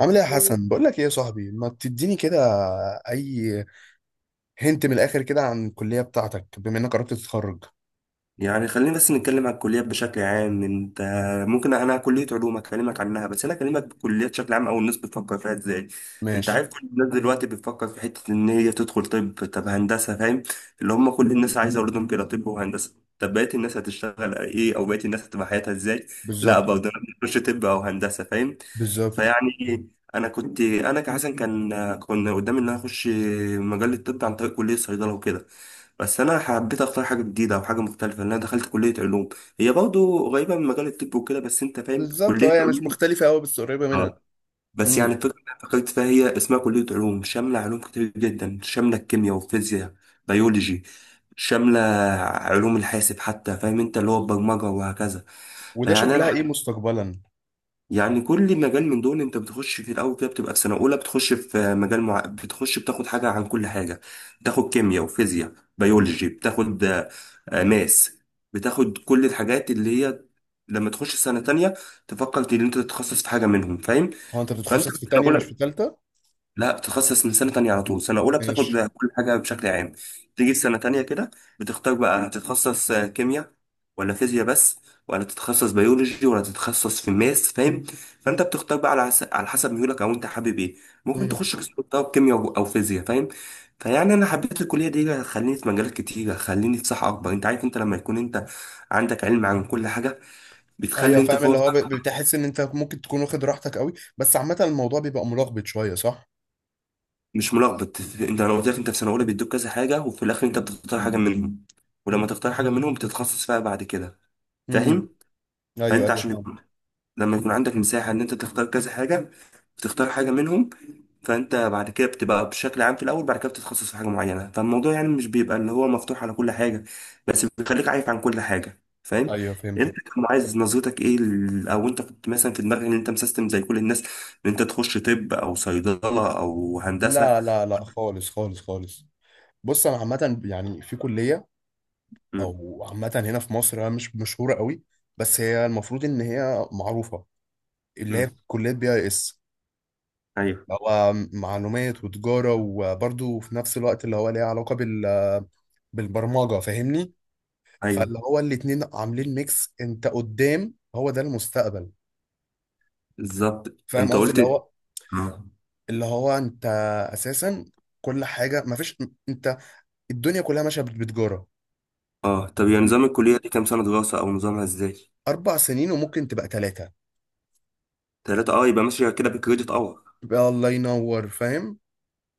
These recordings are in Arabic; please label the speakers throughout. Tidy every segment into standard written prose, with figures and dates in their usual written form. Speaker 1: عامل ايه يا حسن، بقول لك ايه يا صاحبي، ما تديني كده. اي. هنت من الاخر كده عن الكليه بتاعتك بما انك قربت تتخرج.
Speaker 2: يعني خلينا بس نتكلم عن الكليات بشكل عام. انت ممكن، انا كلية علوم اكلمك عنها، بس انا اكلمك بالكليات بشكل عام او الناس بتفكر فيها ازاي. انت
Speaker 1: ماشي.
Speaker 2: عارف كل الناس دلوقتي بتفكر في حتة ان هي تدخل طب هندسة، فاهم؟ اللي هم كل الناس عايزة اولادهم كده طب وهندسة. طب بقية الناس هتشتغل ايه، او بقية الناس هتبقى حياتها ازاي؟ لا،
Speaker 1: بالظبط.
Speaker 2: برضه انا بخش طب او هندسة، فاهم؟
Speaker 1: بالظبط.
Speaker 2: فيعني انا كحسن كنا قدامي ان انا اخش مجال الطب عن طريق كلية صيدلة وكده، بس انا حبيت اختار حاجه جديده او حاجه مختلفه، لان انا دخلت كليه علوم. هي برضه قريبه من مجال الطب وكده، بس انت فاهم
Speaker 1: بالظبط،
Speaker 2: كليه
Speaker 1: اه هي مش
Speaker 2: علوم.
Speaker 1: مختلفه قوي بس قريبه منها.
Speaker 2: اه. بس يعني
Speaker 1: امم.
Speaker 2: الفكره اللي أنا فكرت فيها، هي اسمها كليه علوم، شامله علوم كتير جدا، شامله الكيمياء والفيزياء، بيولوجي، شامله علوم الحاسب حتى، فاهم انت اللي هو البرمجه وهكذا.
Speaker 1: وده
Speaker 2: فيعني
Speaker 1: شغلها
Speaker 2: انا
Speaker 1: ايه مستقبلا؟
Speaker 2: يعني كل مجال من دول انت بتخش في الاول كده، بتبقى في سنه اولى، بتخش في مجال مع... بتخش بتاخد حاجه عن كل حاجه، بتاخد كيمياء وفيزياء، بيولوجي، بتاخد ماس، بتاخد كل الحاجات اللي هي لما تخش سنه تانية تفكر ان انت تتخصص في حاجه منهم، فاهم؟
Speaker 1: هو انت
Speaker 2: فانت في
Speaker 1: بتتخصص في
Speaker 2: سنه
Speaker 1: تانية مش
Speaker 2: اولى
Speaker 1: في تالتة؟
Speaker 2: لا، بتتخصص من سنة تانية على طول. سنة أولى بتاخد
Speaker 1: ماشي.
Speaker 2: كل حاجة بشكل عام، تيجي في سنة تانية كده بتختار بقى هتتخصص كيمياء ولا فيزياء، بس ولا تتخصص بيولوجي ولا تتخصص في الماس، فاهم؟ فأنت بتختار بقى على حسب ميولك أو أنت حابب إيه. ممكن
Speaker 1: امم.
Speaker 2: تخش قسم طب كيمياء أو فيزياء، فاهم؟ فيعني أنا حبيت الكلية دي هتخليني في مجالات كتير، هتخليني في صحة أكبر. أنت عارف أنت لما يكون أنت عندك علم عن كل حاجة، بتخلي
Speaker 1: ايوه
Speaker 2: أنت
Speaker 1: فاهم، اللي هو
Speaker 2: فرصك.
Speaker 1: بتحس ان انت ممكن تكون واخد راحتك قوي، بس عامه الموضوع بيبقى ملخبط شويه صح؟
Speaker 2: مش ملخبط. انت لو قلت لك انت في سنه اولى بيدوك كذا حاجه، وفي الاخر انت بتختار حاجه منهم، ولما تختار حاجه منهم بتتخصص فيها بعد كده،
Speaker 1: امم.
Speaker 2: فاهم؟
Speaker 1: ايوه
Speaker 2: فانت
Speaker 1: ايوه
Speaker 2: عشان يكون-
Speaker 1: فاهمك.
Speaker 2: لما يكون عندك مساحه ان انت تختار كذا حاجه، بتختار حاجه منهم، فانت بعد كده بتبقى بشكل عام في الاول، بعد كده بتتخصص في حاجه معينه. فالموضوع يعني مش بيبقى اللي هو مفتوح على كل حاجه، بس بيخليك عارف عن كل حاجه، فاهم؟
Speaker 1: ايوه
Speaker 2: انت
Speaker 1: فهمتك.
Speaker 2: كان عايز نظرتك ايه، او انت كنت مثلا في دماغك ان انت مسيستم زي كل الناس، ان انت تخش طب او صيدله او هندسه؟
Speaker 1: لا لا لا خالص خالص خالص. بص انا عامه يعني في كليه، او عامه هنا في مصر هي مش مشهوره قوي، بس هي المفروض ان هي معروفه، اللي
Speaker 2: مم.
Speaker 1: هي كليه بي اي اس،
Speaker 2: ايوه،
Speaker 1: اللي هو معلومات وتجاره وبرده في نفس الوقت اللي هو ليها علاقه بالبرمجه، فاهمني؟
Speaker 2: ايوه.
Speaker 1: فاللي هو الاتنين عاملين ميكس، انت قدام هو ده المستقبل.
Speaker 2: بالظبط،
Speaker 1: فاهم
Speaker 2: انت
Speaker 1: قصدي؟
Speaker 2: قلت.
Speaker 1: اللي هو،
Speaker 2: اه.
Speaker 1: اللي هو انت اساسا كل حاجه مفيش، انت، الدنيا كلها ماشيه بتجاره.
Speaker 2: اه، طب يا نظام الكليه دي كام سنه دراسه، او نظامها ازاي؟
Speaker 1: اربع سنين وممكن تبقى ثلاثه.
Speaker 2: 3، اه، يبقى ماشيه كده بكريدت اور.
Speaker 1: يبقى الله ينور، فاهم؟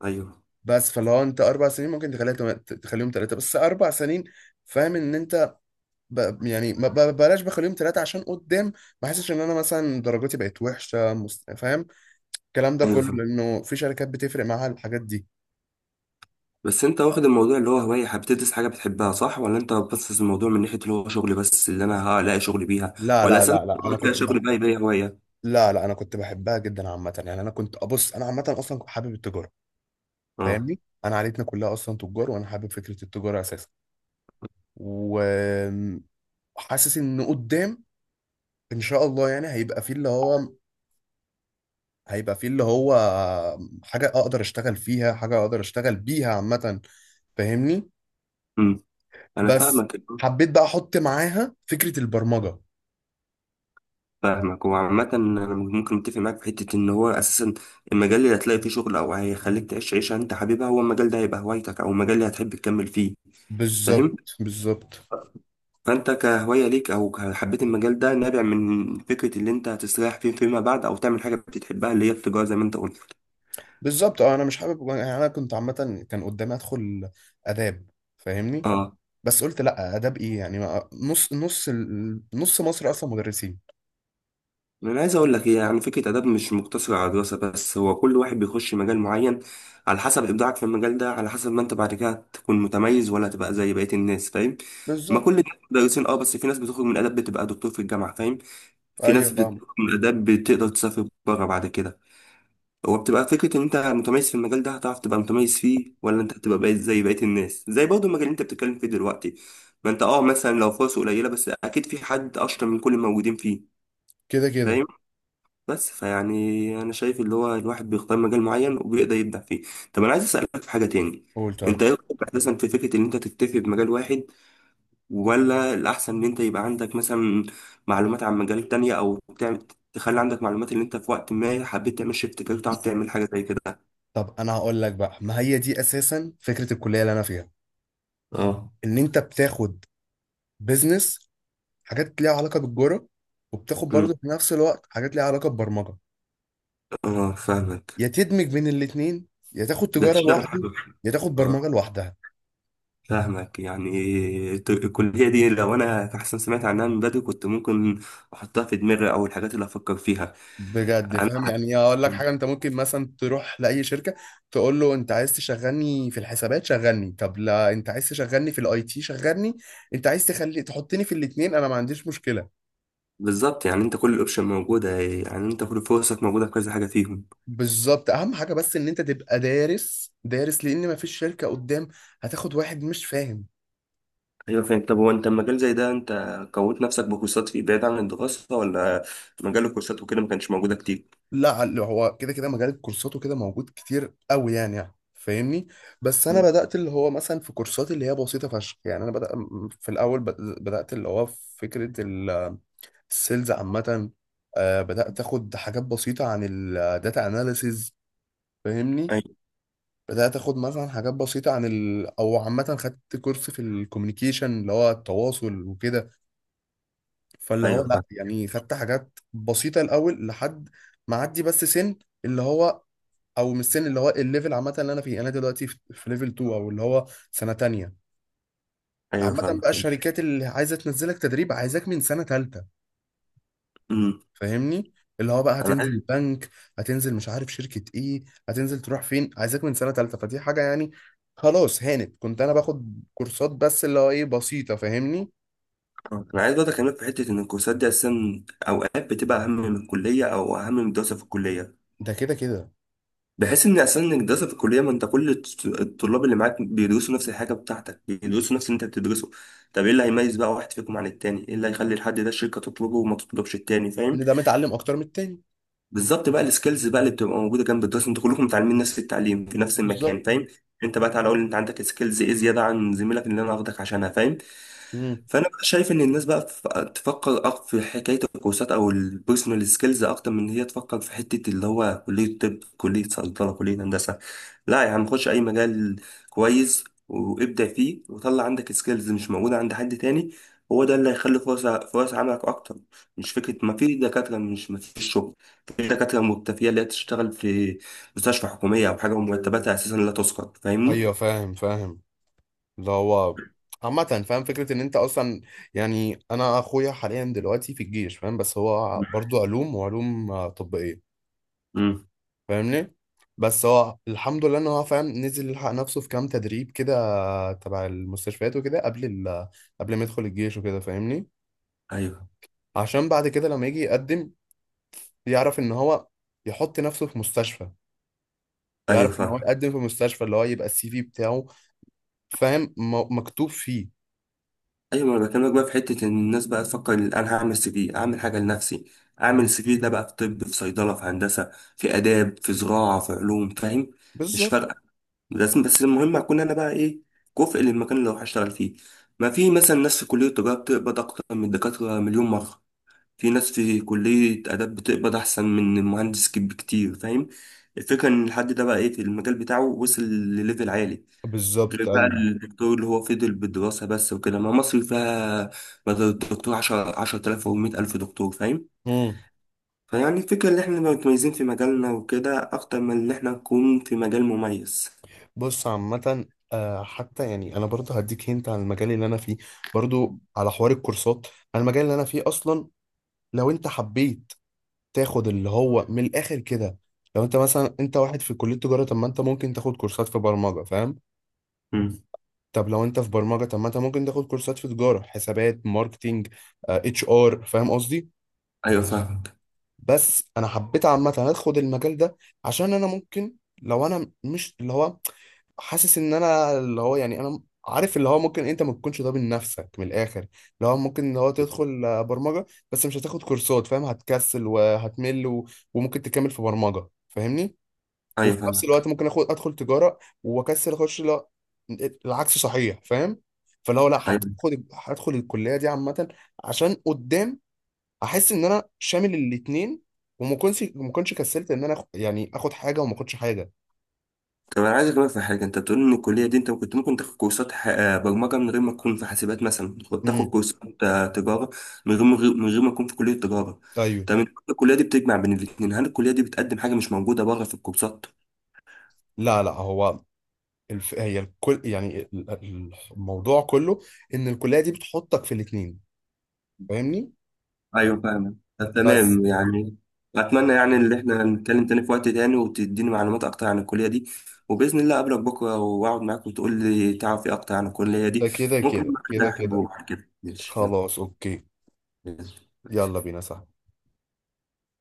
Speaker 2: ايوه،
Speaker 1: بس فلو انت اربع سنين ممكن تخليهم ثلاثه بس اربع سنين، فاهم ان انت ب... يعني ما ب... بلاش بخليهم ثلاثه عشان قدام ما احسش ان انا مثلا درجاتي بقت وحشه فاهم؟ الكلام ده
Speaker 2: ايوه،
Speaker 1: كله
Speaker 2: فاهم.
Speaker 1: لانه في شركات بتفرق معاها الحاجات دي.
Speaker 2: بس انت واخد الموضوع اللي هو هوايه، بتدرس حاجه بتحبها، صح؟ ولا انت بس الموضوع من ناحيه اللي هو شغل، بس اللي انا هلاقي شغل بيها؟
Speaker 1: لا
Speaker 2: ولا
Speaker 1: لا
Speaker 2: اصلا
Speaker 1: لا لا،
Speaker 2: لما تلاقي شغل بقى يبقى هي هوايه.
Speaker 1: لا لا انا كنت بحبها جدا عامه، يعني انا كنت ابص انا عامه اصلا كنت حابب التجاره،
Speaker 2: اه.
Speaker 1: فاهمني؟ انا عائلتنا كلها اصلا تجار، وانا حابب فكره التجاره اساسا، وحاسس ان قدام ان شاء الله يعني هيبقى فيه اللي هو حاجة أقدر أشتغل فيها، حاجة أقدر أشتغل بيها عامة، فاهمني؟
Speaker 2: امم. انا
Speaker 1: بس
Speaker 2: فاهمك.
Speaker 1: حبيت بقى أحط معاها فكرة البرمجة.
Speaker 2: فاهمك، وعامة أنا ممكن أتفق معاك في حتة إن هو أساسا المجال اللي هتلاقي فيه شغل أو هيخليك تعيش عيشة أنت حاببها، هو المجال ده هيبقى هوايتك أو المجال اللي هتحب تكمل فيه، فاهم؟
Speaker 1: بالظبط. بالظبط.
Speaker 2: فأنت كهواية ليك حبيت المجال ده نابع من فكرة اللي أنت هتستريح فيه فيما بعد أو تعمل حاجة بتحبها، اللي هي التجارة زي ما أنت قلت.
Speaker 1: بالظبط أه، أنا مش حابب، يعني أنا كنت عامة كان قدامي أدخل آداب، فاهمني؟
Speaker 2: اه.
Speaker 1: بس قلت لأ، آداب إيه يعني، نص نص نص مصر أصلا مدرسين.
Speaker 2: انا عايز اقول لك إيه، يعني فكره اداب مش مقتصره على دراسه بس. هو كل واحد بيخش مجال معين، على حسب ابداعك في المجال ده، على حسب ما انت بعد كده تكون متميز ولا تبقى زي بقيه الناس، فاهم؟ ما
Speaker 1: بالظبط
Speaker 2: كل الناس مدرسين، اه، بس في ناس بتخرج من اداب بتبقى دكتور في الجامعه، فاهم؟ في ناس
Speaker 1: أيوه فاهم.
Speaker 2: بتخرج من اداب بتقدر تسافر بره بعد كده. هو بتبقى فكره ان انت متميز في المجال ده، هتعرف تبقى متميز فيه ولا انت هتبقى بقيت زي بقيه الناس، زي برضه المجال اللي انت بتتكلم فيه دلوقتي. ما انت مثلا لو فرصه قليله، بس اكيد في حد اشطر من كل الموجودين فيه،
Speaker 1: كده كده.
Speaker 2: فاهم؟ بس فيعني انا شايف اللي هو الواحد بيختار مجال معين وبيقدر يبدع فيه. طب انا عايز اسالك في حاجه تاني.
Speaker 1: قول
Speaker 2: انت
Speaker 1: طيب.
Speaker 2: ايه رايك اساسا في فكره ان انت تكتفي بمجال واحد، ولا الاحسن ان انت يبقى عندك مثلا معلومات عن مجالات تانية، او تعمل، تخلي عندك معلومات اللي انت في وقت ما حبيت تعمل شيفت كارير تعرف تعمل حاجه زي كده؟
Speaker 1: طب أنا هقول لك بقى، ما هي دي أساسا فكرة الكلية اللي أنا فيها،
Speaker 2: اه.
Speaker 1: إن أنت بتاخد بيزنس، حاجات ليها علاقة بالجرة، وبتاخد
Speaker 2: أمم.
Speaker 1: برضه في نفس الوقت حاجات ليها علاقة ببرمجة.
Speaker 2: اه، فاهمك.
Speaker 1: يا تدمج بين الاتنين، يا تاخد
Speaker 2: ده
Speaker 1: تجارة
Speaker 2: تشتغل
Speaker 1: لوحده،
Speaker 2: حاجه واحدة.
Speaker 1: يا تاخد
Speaker 2: اه،
Speaker 1: برمجة لوحدها.
Speaker 2: فاهمك. يعني الكلية دي لو أنا أحسن سمعت عنها من بدري، كنت ممكن أحطها في دماغي أو الحاجات اللي أفكر فيها.
Speaker 1: بجد
Speaker 2: أنا.
Speaker 1: فاهم، يعني اقول لك حاجة، انت ممكن مثلا تروح لأي شركة تقول له انت عايز تشغلني في الحسابات شغلني، طب لا انت عايز تشغلني في الاي تي شغلني، انت عايز تخلي تحطني في الاتنين انا ما عنديش مشكلة.
Speaker 2: بالظبط، يعني أنت كل الأوبشن موجودة، يعني أنت كل فرصك موجودة في كذا حاجة فيهم.
Speaker 1: بالظبط، اهم حاجة بس ان انت تبقى دارس دارس، لان ما فيش شركة قدام هتاخد واحد مش فاهم.
Speaker 2: أيوة، فاهم. طب هو أنت المجال زي ده أنت كونت نفسك بكورسات فيه بعيد عن الدراسة، ولا مجال الكورسات وكده ما كانش موجودة كتير؟
Speaker 1: لا، اللي هو كده كده مجال الكورسات وكده موجود كتير قوي، يعني يعني فاهمني؟ بس انا بدات اللي هو مثلا في كورسات اللي هي بسيطه فشخ، يعني انا بدأ في الاول بدات اللي هو في فكره السيلز عامه. بدات اخد حاجات بسيطه عن الداتا اناليسز، فاهمني؟
Speaker 2: ايوه،
Speaker 1: بدات اخد مثلا حاجات بسيطه عن او عامه خدت كورس في الكوميونيكيشن اللي هو التواصل وكده. فاللي هو
Speaker 2: ايوه،
Speaker 1: لا
Speaker 2: فاهم.
Speaker 1: يعني خدت حاجات بسيطه الاول لحد ما عدي بس سن، اللي هو، او من السن اللي هو الليفل عامه اللي انا فيه، انا دلوقتي في ليفل 2، او اللي هو سنه تانية.
Speaker 2: ايوه،
Speaker 1: عامه
Speaker 2: فاهم،
Speaker 1: بقى
Speaker 2: انت.
Speaker 1: الشركات اللي عايزه تنزلك تدريب عايزاك من سنه تالتة،
Speaker 2: امم
Speaker 1: فاهمني؟ اللي هو بقى
Speaker 2: انا
Speaker 1: هتنزل
Speaker 2: عايز
Speaker 1: بنك، هتنزل مش عارف شركه ايه، هتنزل تروح فين، عايزاك من سنه تالتة، فدي حاجه يعني. خلاص هانت كنت انا باخد كورسات بس اللي هو ايه بسيطه، فاهمني؟
Speaker 2: انا عايز برضه اكلمك في حته ان الكورسات دي اساسا اوقات بتبقى اهم من الكليه او اهم من الدراسه في الكليه،
Speaker 1: ده كده كده.
Speaker 2: بحيث ان اصلا انك دراسه في الكليه، ما انت كل الطلاب اللي معاك بيدرسوا نفس الحاجه بتاعتك، بيدرسوا نفس اللي انت بتدرسه. طب ايه اللي هيميز بقى واحد فيكم عن التاني، ايه اللي هيخلي الحد ده الشركه تطلبه وما تطلبش التاني، فاهم؟
Speaker 1: ان ده متعلم اكتر من التاني.
Speaker 2: بالظبط، بقى السكيلز بقى اللي بتبقى موجوده جنب الدراسه، انتوا كلكم متعلمين نفس التعليم في نفس
Speaker 1: بالظبط.
Speaker 2: المكان، فاهم؟ انت بقى تعالى قول لي انت عندك سكيلز ايه زياده عن زميلك اللي انا واخدك عشانها، فاهم؟
Speaker 1: امم.
Speaker 2: فانا بقى شايف ان الناس بقى تفكر في حكايه الكورسات او البيرسونال سكيلز اكتر من ان هي تفكر في حته اللي هو كليه طب، كليه صيدله، كليه هندسه. لا يا عم، خش اي مجال كويس وابدع فيه، وطلع عندك سكيلز مش موجوده عند حد تاني. هو ده اللي هيخلي فرص، فرص عملك اكتر. مش فكره ما في دكاتره مش ما فيش شغل. في دكاترة مكتفية اللي هي تشتغل في مستشفى حكومية أو حاجة ومرتباتها أساسا لا تسقط، فاهمني؟
Speaker 1: ايوه فاهم فاهم، اللي هو عامة فاهم فكرة إن أنت أصلا، يعني أنا أخويا حاليا دلوقتي في الجيش فاهم، بس هو برضو علوم، وعلوم طبية،
Speaker 2: امم.
Speaker 1: فاهمني؟ بس هو الحمد لله إن هو فاهم، نزل يلحق نفسه في كام تدريب كده تبع المستشفيات وكده قبل قبل ما يدخل الجيش وكده، فاهمني؟
Speaker 2: ايوه،
Speaker 1: عشان بعد كده لما يجي يقدم يعرف إن هو يحط نفسه في مستشفى،
Speaker 2: ايوه،
Speaker 1: يعرف إن هو
Speaker 2: فاهم.
Speaker 1: يقدم في مستشفى، اللي هو يبقى السي في بتاعه فاهم مكتوب فيه.
Speaker 2: ايوه، ما انا بكلمك بقى في حته ان الناس بقى تفكر إن انا هعمل سي في، اعمل حاجه لنفسي. اعمل سي في ده بقى في طب، في صيدله، في هندسه، في اداب، في زراعه، في علوم، فاهم؟ مش
Speaker 1: بالظبط.
Speaker 2: فارقه. لازم بس المهم اكون انا بقى ايه، كفء للمكان اللي هروح اشتغل فيه. ما في مثلا ناس في كليه التجاره بتقبض اكتر من الدكاتره مليون مره. في ناس في كلية آداب بتقبض أحسن من المهندس بكتير، فاهم؟ الفكرة إن الحد ده بقى إيه في المجال بتاعه، وصل لليفل عالي. غير
Speaker 1: بالظبط
Speaker 2: بقى
Speaker 1: أيوه.
Speaker 2: الدكتور اللي هو فضل بالدراسة بس وكده، ما مصر فيها بدل الدكتور عشرة آلاف أو 100,000 دكتور، فاهم؟
Speaker 1: مم.
Speaker 2: فيعني الفكرة إن إحنا نبقى متميزين في مجالنا وكده أكتر من إن إحنا نكون في مجال مميز.
Speaker 1: بص عامة، حتى يعني أنا برضه هديك هنت عن المجال اللي أنا فيه، برضه على حوار الكورسات. أنا المجال اللي أنا فيه أصلا، لو أنت حبيت تاخد اللي هو من الآخر كده، لو أنت مثلا أنت واحد في كلية تجارة، طب ما أنت ممكن تاخد كورسات في برمجة، فاهم؟
Speaker 2: مم.
Speaker 1: طب لو أنت في برمجة، طب ما أنت ممكن تاخد كورسات في تجارة، حسابات، ماركتينج، اتش ار، فاهم قصدي؟
Speaker 2: أيوة، فاهمك.
Speaker 1: بس انا حبيت عامه ادخل المجال ده عشان انا ممكن، لو انا مش اللي هو حاسس ان انا اللي هو، يعني انا عارف اللي هو ممكن انت ما تكونش ده من نفسك، من الاخر اللي هو ممكن اللي هو تدخل برمجه بس مش هتاخد كورسات، فاهم؟ هتكسل وهتمل وممكن تكمل في برمجه، فاهمني؟
Speaker 2: أيوة،
Speaker 1: وفي نفس
Speaker 2: فاهمك.
Speaker 1: الوقت ممكن اخد ادخل تجاره واكسل اخش، لا العكس صحيح، فاهم؟ فاللي هو لا حبيت
Speaker 2: أيوة.
Speaker 1: اخد هدخل الكليه دي عامه عشان قدام احس ان انا شامل الاتنين، وما كنتش ما كنتش كسلت ان انا يعني اخد حاجه وما اخدش حاجه.
Speaker 2: طب انا عايز اكلمك في حاجه. انت بتقول ان الكليه دي انت كنت ممكن تاخد كورسات برمجه من غير ما تكون في حاسبات، مثلا كنت تاخد
Speaker 1: امم.
Speaker 2: كورسات تجاره من غير، من غير، من غير ما تكون في كليه تجاره.
Speaker 1: ايوه.
Speaker 2: طب انت الكليه دي بتجمع بين الاثنين، هل الكليه دي بتقدم حاجه مش موجوده بره في الكورسات؟
Speaker 1: لا لا هو هي الكل يعني الموضوع كله ان الكليه دي بتحطك في الاتنين، فاهمني؟
Speaker 2: ايوه، فاهم. طب
Speaker 1: بس.
Speaker 2: تمام، يعني اتمنى يعني ان احنا نتكلم تاني في وقت تاني، وتديني معلومات اكتر عن الكليه دي، وباذن الله اقابلك بكره واقعد معاك وتقول لي تعرف ايه اكتر عن الكليه
Speaker 1: ده
Speaker 2: دي.
Speaker 1: كده
Speaker 2: ممكن
Speaker 1: كده
Speaker 2: بقى ده
Speaker 1: كده
Speaker 2: احبه
Speaker 1: كده.
Speaker 2: بعد كده، ماشي؟ يلا،
Speaker 1: خلاص اوكي.
Speaker 2: يلا.
Speaker 1: يلا بينا صح.